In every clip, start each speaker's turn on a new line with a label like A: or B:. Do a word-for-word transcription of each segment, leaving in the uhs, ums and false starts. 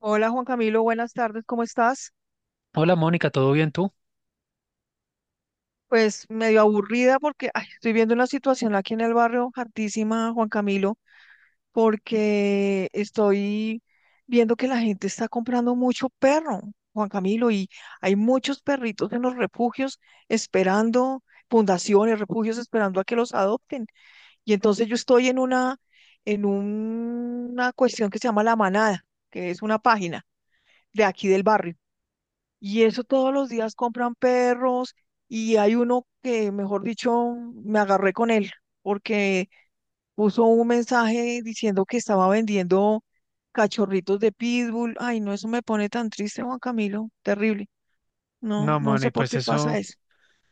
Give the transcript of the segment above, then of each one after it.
A: Hola Juan Camilo, buenas tardes, ¿cómo estás?
B: Hola Mónica, ¿todo bien tú?
A: Pues medio aburrida porque ay, estoy viendo una situación aquí en el barrio hartísima, Juan Camilo, porque estoy viendo que la gente está comprando mucho perro, Juan Camilo, y hay muchos perritos en los refugios esperando, fundaciones, refugios esperando a que los adopten. Y entonces yo estoy en una, en una cuestión que se llama La Manada, que es una página de aquí del barrio. Y eso todos los días compran perros y hay uno que, mejor dicho, me agarré con él porque puso un mensaje diciendo que estaba vendiendo cachorritos de pitbull. Ay, no, eso me pone tan triste, Juan Camilo. Terrible. No,
B: No,
A: no
B: Moni,
A: sé por
B: pues
A: qué pasa
B: eso,
A: eso.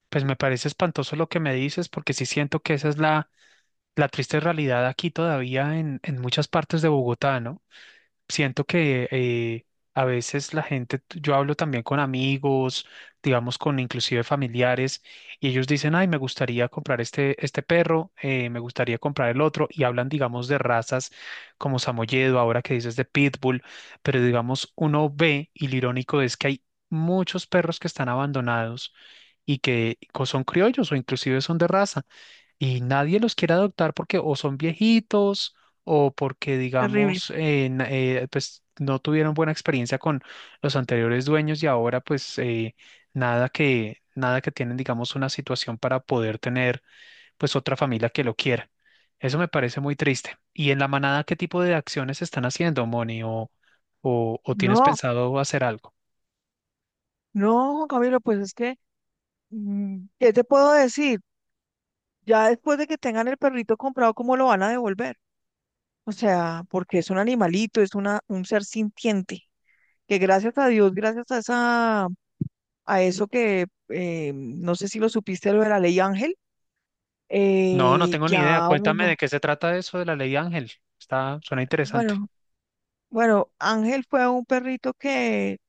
B: pues me parece espantoso lo que me dices, porque sí siento que esa es la, la triste realidad aquí todavía en, en muchas partes de Bogotá, ¿no? Siento que eh, a veces la gente, t- yo hablo también con amigos, digamos con inclusive familiares, y ellos dicen, ay, me gustaría comprar este, este perro, eh, me gustaría comprar el otro, y hablan, digamos, de razas como Samoyedo, ahora que dices de Pitbull, pero digamos, uno ve, y lo irónico es que hay muchos perros que están abandonados y que co- son criollos o inclusive son de raza y nadie los quiere adoptar porque o son viejitos o porque,
A: Terrible.
B: digamos, eh, na- eh, pues no tuvieron buena experiencia con los anteriores dueños y ahora pues eh, nada que, nada que tienen, digamos, una situación para poder tener pues otra familia que lo quiera. Eso me parece muy triste. ¿Y en la manada qué tipo de acciones están haciendo, Moni? ¿O, o, o tienes
A: No,
B: pensado hacer algo?
A: no, Juan Camilo, pues es que, mm, ¿qué te puedo decir? Ya después de que tengan el perrito comprado, ¿cómo lo van a devolver? O sea, porque es un animalito, es una, un ser sintiente. Que gracias a Dios, gracias a esa, a eso que eh, no sé si lo supiste lo de la ley Ángel,
B: No, no
A: eh,
B: tengo ni idea.
A: ya
B: Cuéntame de
A: uno,
B: qué se trata eso de la ley Ángel. Está, suena interesante.
A: bueno, bueno, Ángel fue un perrito que,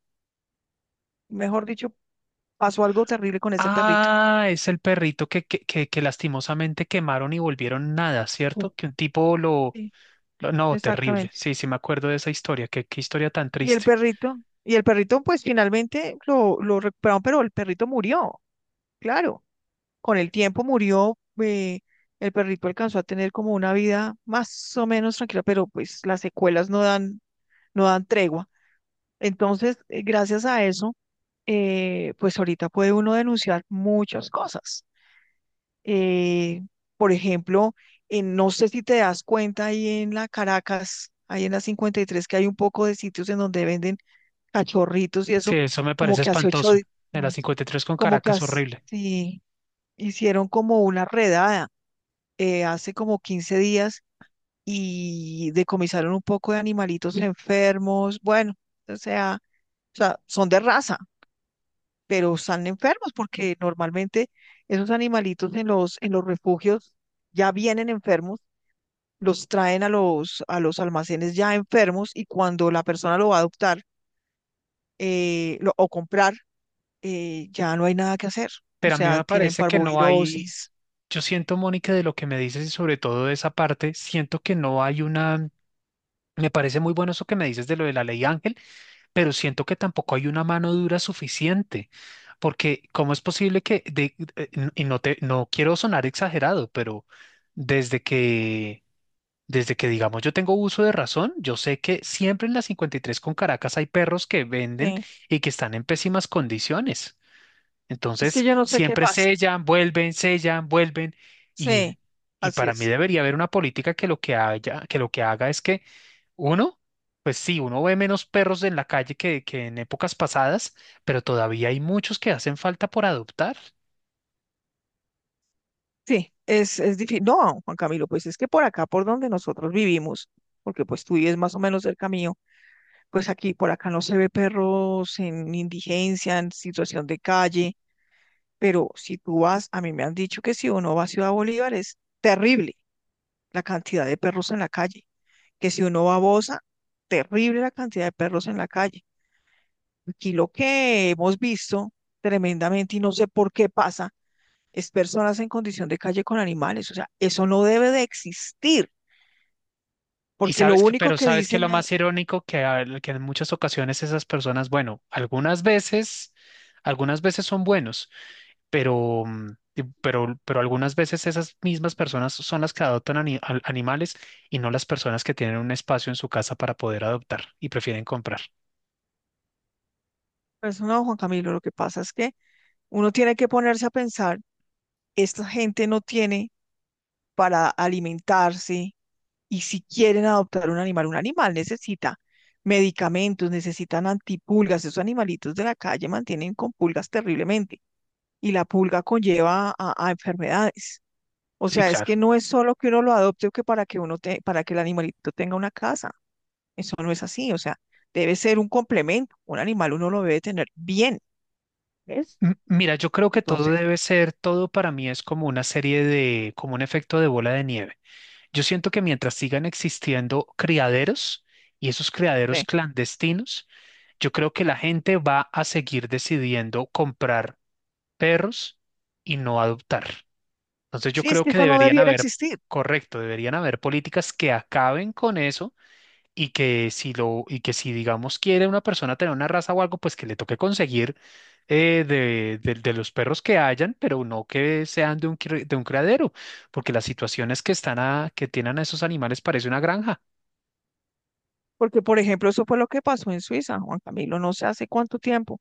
A: mejor dicho, pasó algo terrible con ese perrito.
B: Ah, es el perrito que, que, que, que lastimosamente quemaron y volvieron nada,
A: Oh.
B: ¿cierto? Que un tipo lo,
A: Sí,
B: lo- no, terrible.
A: exactamente.
B: Sí, sí me acuerdo de esa historia. Qué, qué historia tan
A: Y el
B: triste.
A: perrito, y el perrito, pues finalmente lo, lo recuperaron, pero el perrito murió, claro. Con el tiempo murió, eh, el perrito alcanzó a tener como una vida más o menos tranquila, pero pues las secuelas no dan no dan tregua. Entonces, eh, gracias a eso, eh, pues ahorita puede uno denunciar muchas cosas. Eh, por ejemplo, en- no sé si te das cuenta ahí en la Caracas, ahí en la cincuenta y tres, que hay un poco de sitios en donde venden cachorritos y
B: Sí,
A: eso,
B: eso me
A: como
B: parece
A: que hace ocho
B: espantoso.
A: días,
B: En la cincuenta y tres con
A: como que
B: Caracas,
A: hace,
B: horrible.
A: sí, hicieron como una redada eh, hace como quince días y decomisaron un poco de animalitos enfermos, bueno, o sea, o sea, son de raza, pero están enfermos porque normalmente esos animalitos en los, en los refugios ya vienen enfermos, los traen a los, a los almacenes ya enfermos y cuando la persona lo va a adoptar eh, lo- o comprar, eh, ya no hay nada que hacer. O
B: Pero a mí
A: sea,
B: me
A: tienen
B: parece que no hay...
A: parvovirosis.
B: Yo siento, Mónica, de lo que me dices y sobre todo de esa parte, siento que no hay una... Me parece muy bueno eso que me dices de lo de la ley Ángel, pero siento que tampoco hay una mano dura suficiente, porque ¿cómo es posible que, de- eh, n- y no te, no quiero sonar exagerado, pero desde que, desde que digamos yo tengo uso de razón, yo sé que siempre en la cincuenta y tres con Caracas hay perros que venden
A: Sí.
B: y que están en pésimas condiciones.
A: Es que
B: Entonces,
A: yo no sé qué
B: siempre
A: pasa.
B: sellan, vuelven, sellan, vuelven, y,
A: Sí,
B: y
A: así
B: para mí
A: es.
B: debería haber una política que lo que haya, que lo que haga es que uno, pues sí, uno ve menos perros en la calle que, que en épocas pasadas, pero todavía hay muchos que hacen falta por adoptar.
A: Sí, es, es difícil. No, Juan Camilo, pues es que por acá, por donde nosotros vivimos, porque pues tú vives más o menos cerca mío, pues aquí por acá no se ve perros en indigencia, en situación de calle, pero si tú vas, a mí me han dicho que si uno va a Ciudad Bolívar es terrible la cantidad de perros en la calle, que si uno va a Bosa, terrible la cantidad de perros en la calle. Aquí lo que hemos visto tremendamente y no sé por qué pasa es personas en condición de calle con animales, o sea, eso no debe de existir,
B: Y
A: porque lo
B: sabes que,
A: único
B: pero
A: que
B: sabes que
A: dicen,
B: lo
A: eh,
B: más irónico que, a- que en muchas ocasiones esas personas, bueno, algunas veces, algunas veces son buenos, pero, mm, y- pero, pero algunas veces esas mismas personas son las que adoptan ani- al- animales y no las personas que tienen un espacio en su casa para poder adoptar y prefieren comprar.
A: persona Juan Camilo, lo que pasa es que uno tiene que ponerse a pensar esta gente no tiene para alimentarse y si quieren adoptar un animal, un animal necesita medicamentos, necesitan antipulgas, esos animalitos de la calle mantienen con pulgas terriblemente y la pulga conlleva a, a enfermedades. O
B: Sí,
A: sea, es
B: claro.
A: que no es solo que uno lo adopte o que para que uno te- para que el animalito tenga una casa. Eso no es así. O sea, debe ser un complemento. Un animal uno lo debe tener bien, ¿ves?
B: M- Mira, yo creo que todo
A: Entonces,
B: debe ser, todo para mí es como una serie de, como un efecto de bola de nieve. Yo siento que mientras sigan existiendo criaderos y esos criaderos
A: eh,
B: clandestinos, yo creo que la gente va a seguir decidiendo comprar perros y no adoptar. Entonces yo
A: sí, es
B: creo
A: que
B: que
A: eso no
B: deberían
A: debiera
B: haber,
A: existir.
B: correcto, deberían haber políticas que acaben con eso y que si lo, y que si digamos quiere una persona tener una raza o algo, pues que le toque conseguir eh, de, de- de los perros que hayan, pero no que sean de un, cri- de un criadero, porque las situaciones que están a, que tienen a esos animales parece una granja.
A: Porque, por ejemplo, eso fue lo que pasó en Suiza, Juan Camilo, no sé hace cuánto tiempo,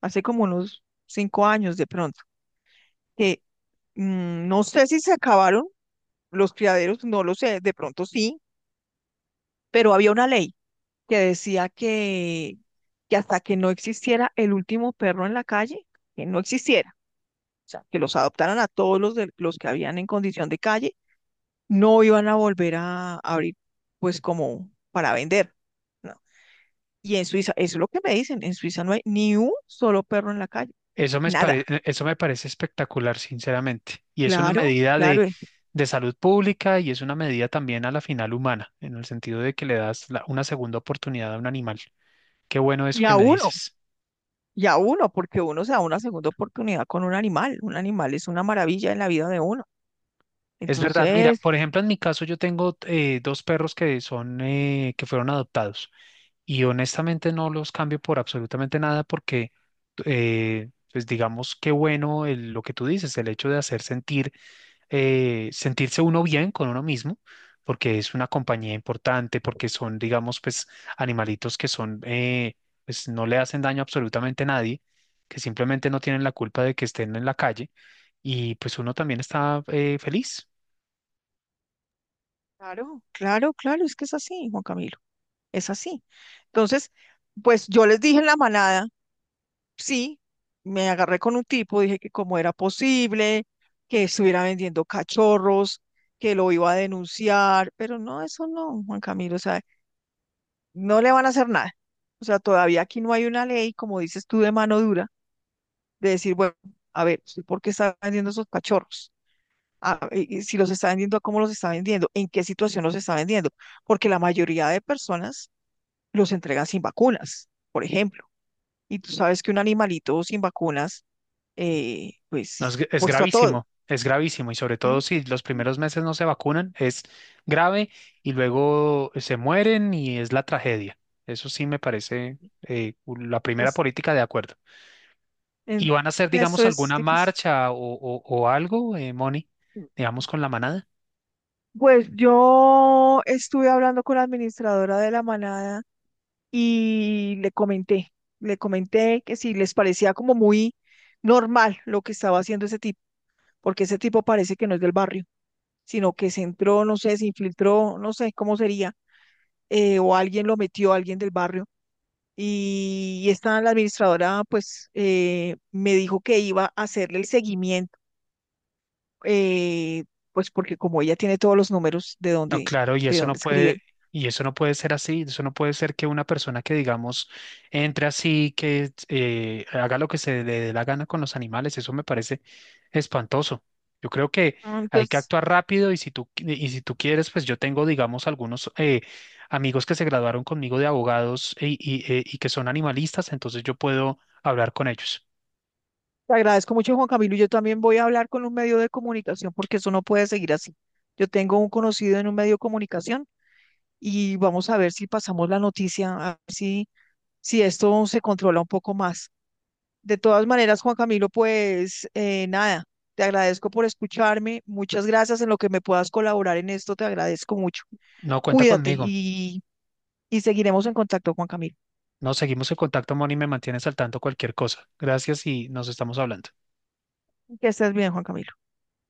A: hace como unos cinco años de pronto, que mm, no sé si se acabaron los criaderos, no lo sé, de pronto sí, pero había una ley que decía que, que hasta que no existiera el último perro en la calle, que no existiera, o sea, que los adoptaran a todos los, de, los que habían en condición de calle, no iban a volver a abrir, pues como para vender, ¿no? Y en Suiza, eso es lo que me dicen, en Suiza no hay ni un solo perro en la calle,
B: Eso me pare-
A: nada.
B: eh, eso me parece espectacular, sinceramente. Y es una
A: Claro,
B: medida
A: claro.
B: de,
A: Y
B: de salud pública y es una medida también a la final humana, en el sentido de que le das la- una segunda oportunidad a un animal. Qué bueno eso
A: y
B: que
A: a
B: me
A: uno,
B: dices.
A: y a uno, porque uno se da una segunda oportunidad con un animal. Un animal es una maravilla en la vida de uno.
B: Es verdad, mira,
A: Entonces,
B: por ejemplo, en mi caso yo tengo eh, dos perros que son, eh, que fueron adoptados y honestamente no los cambio por absolutamente nada porque, eh, pues digamos, qué bueno el- lo que tú dices, el hecho de hacer sentir eh, sentirse uno bien con uno mismo, porque es una compañía importante, porque son, digamos, pues animalitos que son, eh, pues no le hacen daño absolutamente a nadie, que simplemente no tienen la culpa de que estén en la calle y pues uno también está eh, feliz.
A: claro, claro, claro, es que es así, Juan Camilo, es así. Entonces, pues yo les dije en la manada, sí, me agarré con un tipo, dije que cómo era posible, que estuviera vendiendo cachorros, que lo iba a denunciar, pero no, eso no, Juan Camilo, o sea, no le van a hacer nada. O sea, todavía aquí no hay una ley, como dices tú, de mano dura, de decir, bueno, a ver, ¿usted ¿por qué está vendiendo esos cachorros? Ah, y- y si los está vendiendo, ¿a ¿cómo los está vendiendo? ¿En qué situación los está vendiendo? Porque la mayoría de personas los entregan sin vacunas, por ejemplo. Y tú sabes que un animalito sin vacunas, eh,
B: No,
A: pues,
B: es, es
A: puesto a todo.
B: gravísimo, es gravísimo y sobre todo
A: ¿M?
B: si los primeros meses no se vacunan, es grave y luego se mueren y es la tragedia. Eso sí me parece eh, la primera
A: Es-
B: política de acuerdo. ¿Y
A: en-
B: van a hacer,
A: eso
B: digamos,
A: es
B: alguna
A: difícil.
B: marcha o, o- o algo, eh, Moni, digamos, con la manada?
A: Pues yo estuve hablando con la administradora de la manada y le comenté, le comenté que si les parecía como muy normal lo que estaba haciendo ese tipo, porque ese tipo parece que no es del barrio, sino que se entró, no sé, se infiltró, no sé cómo sería, eh, o alguien lo metió, alguien del barrio. Y esta, la administradora, pues, eh, me dijo que iba a hacerle el seguimiento, eh, pues porque como ella tiene todos los números de
B: No,
A: donde,
B: claro, y
A: de
B: eso no
A: donde
B: puede,
A: escriben.
B: y eso no puede ser así, eso no puede ser que una persona que, digamos, entre así, que eh, haga lo que se le dé la gana con los animales, eso me parece espantoso. Yo creo que
A: Ah.
B: hay que
A: Entonces,
B: actuar rápido y si tú, qui- y si tú quieres, pues yo tengo, digamos, algunos eh, amigos que se graduaron conmigo de abogados y, y eh, y que son animalistas, entonces yo puedo hablar con ellos.
A: te agradezco mucho, Juan Camilo. Y yo también voy a hablar con un medio de comunicación porque eso no puede seguir así. Yo tengo un conocido en un medio de comunicación y vamos a ver si pasamos la noticia, a ver si, si esto se controla un poco más. De todas maneras, Juan Camilo, pues eh, nada, te agradezco por escucharme. Muchas gracias en lo que me puedas colaborar en esto, te agradezco mucho.
B: No, cuenta
A: Cuídate
B: conmigo.
A: y, y seguiremos en contacto, Juan Camilo.
B: Nos seguimos en contacto, Moni, y me mantienes al tanto cualquier cosa. Gracias y nos estamos hablando.
A: Que estés bien, Juan Camilo.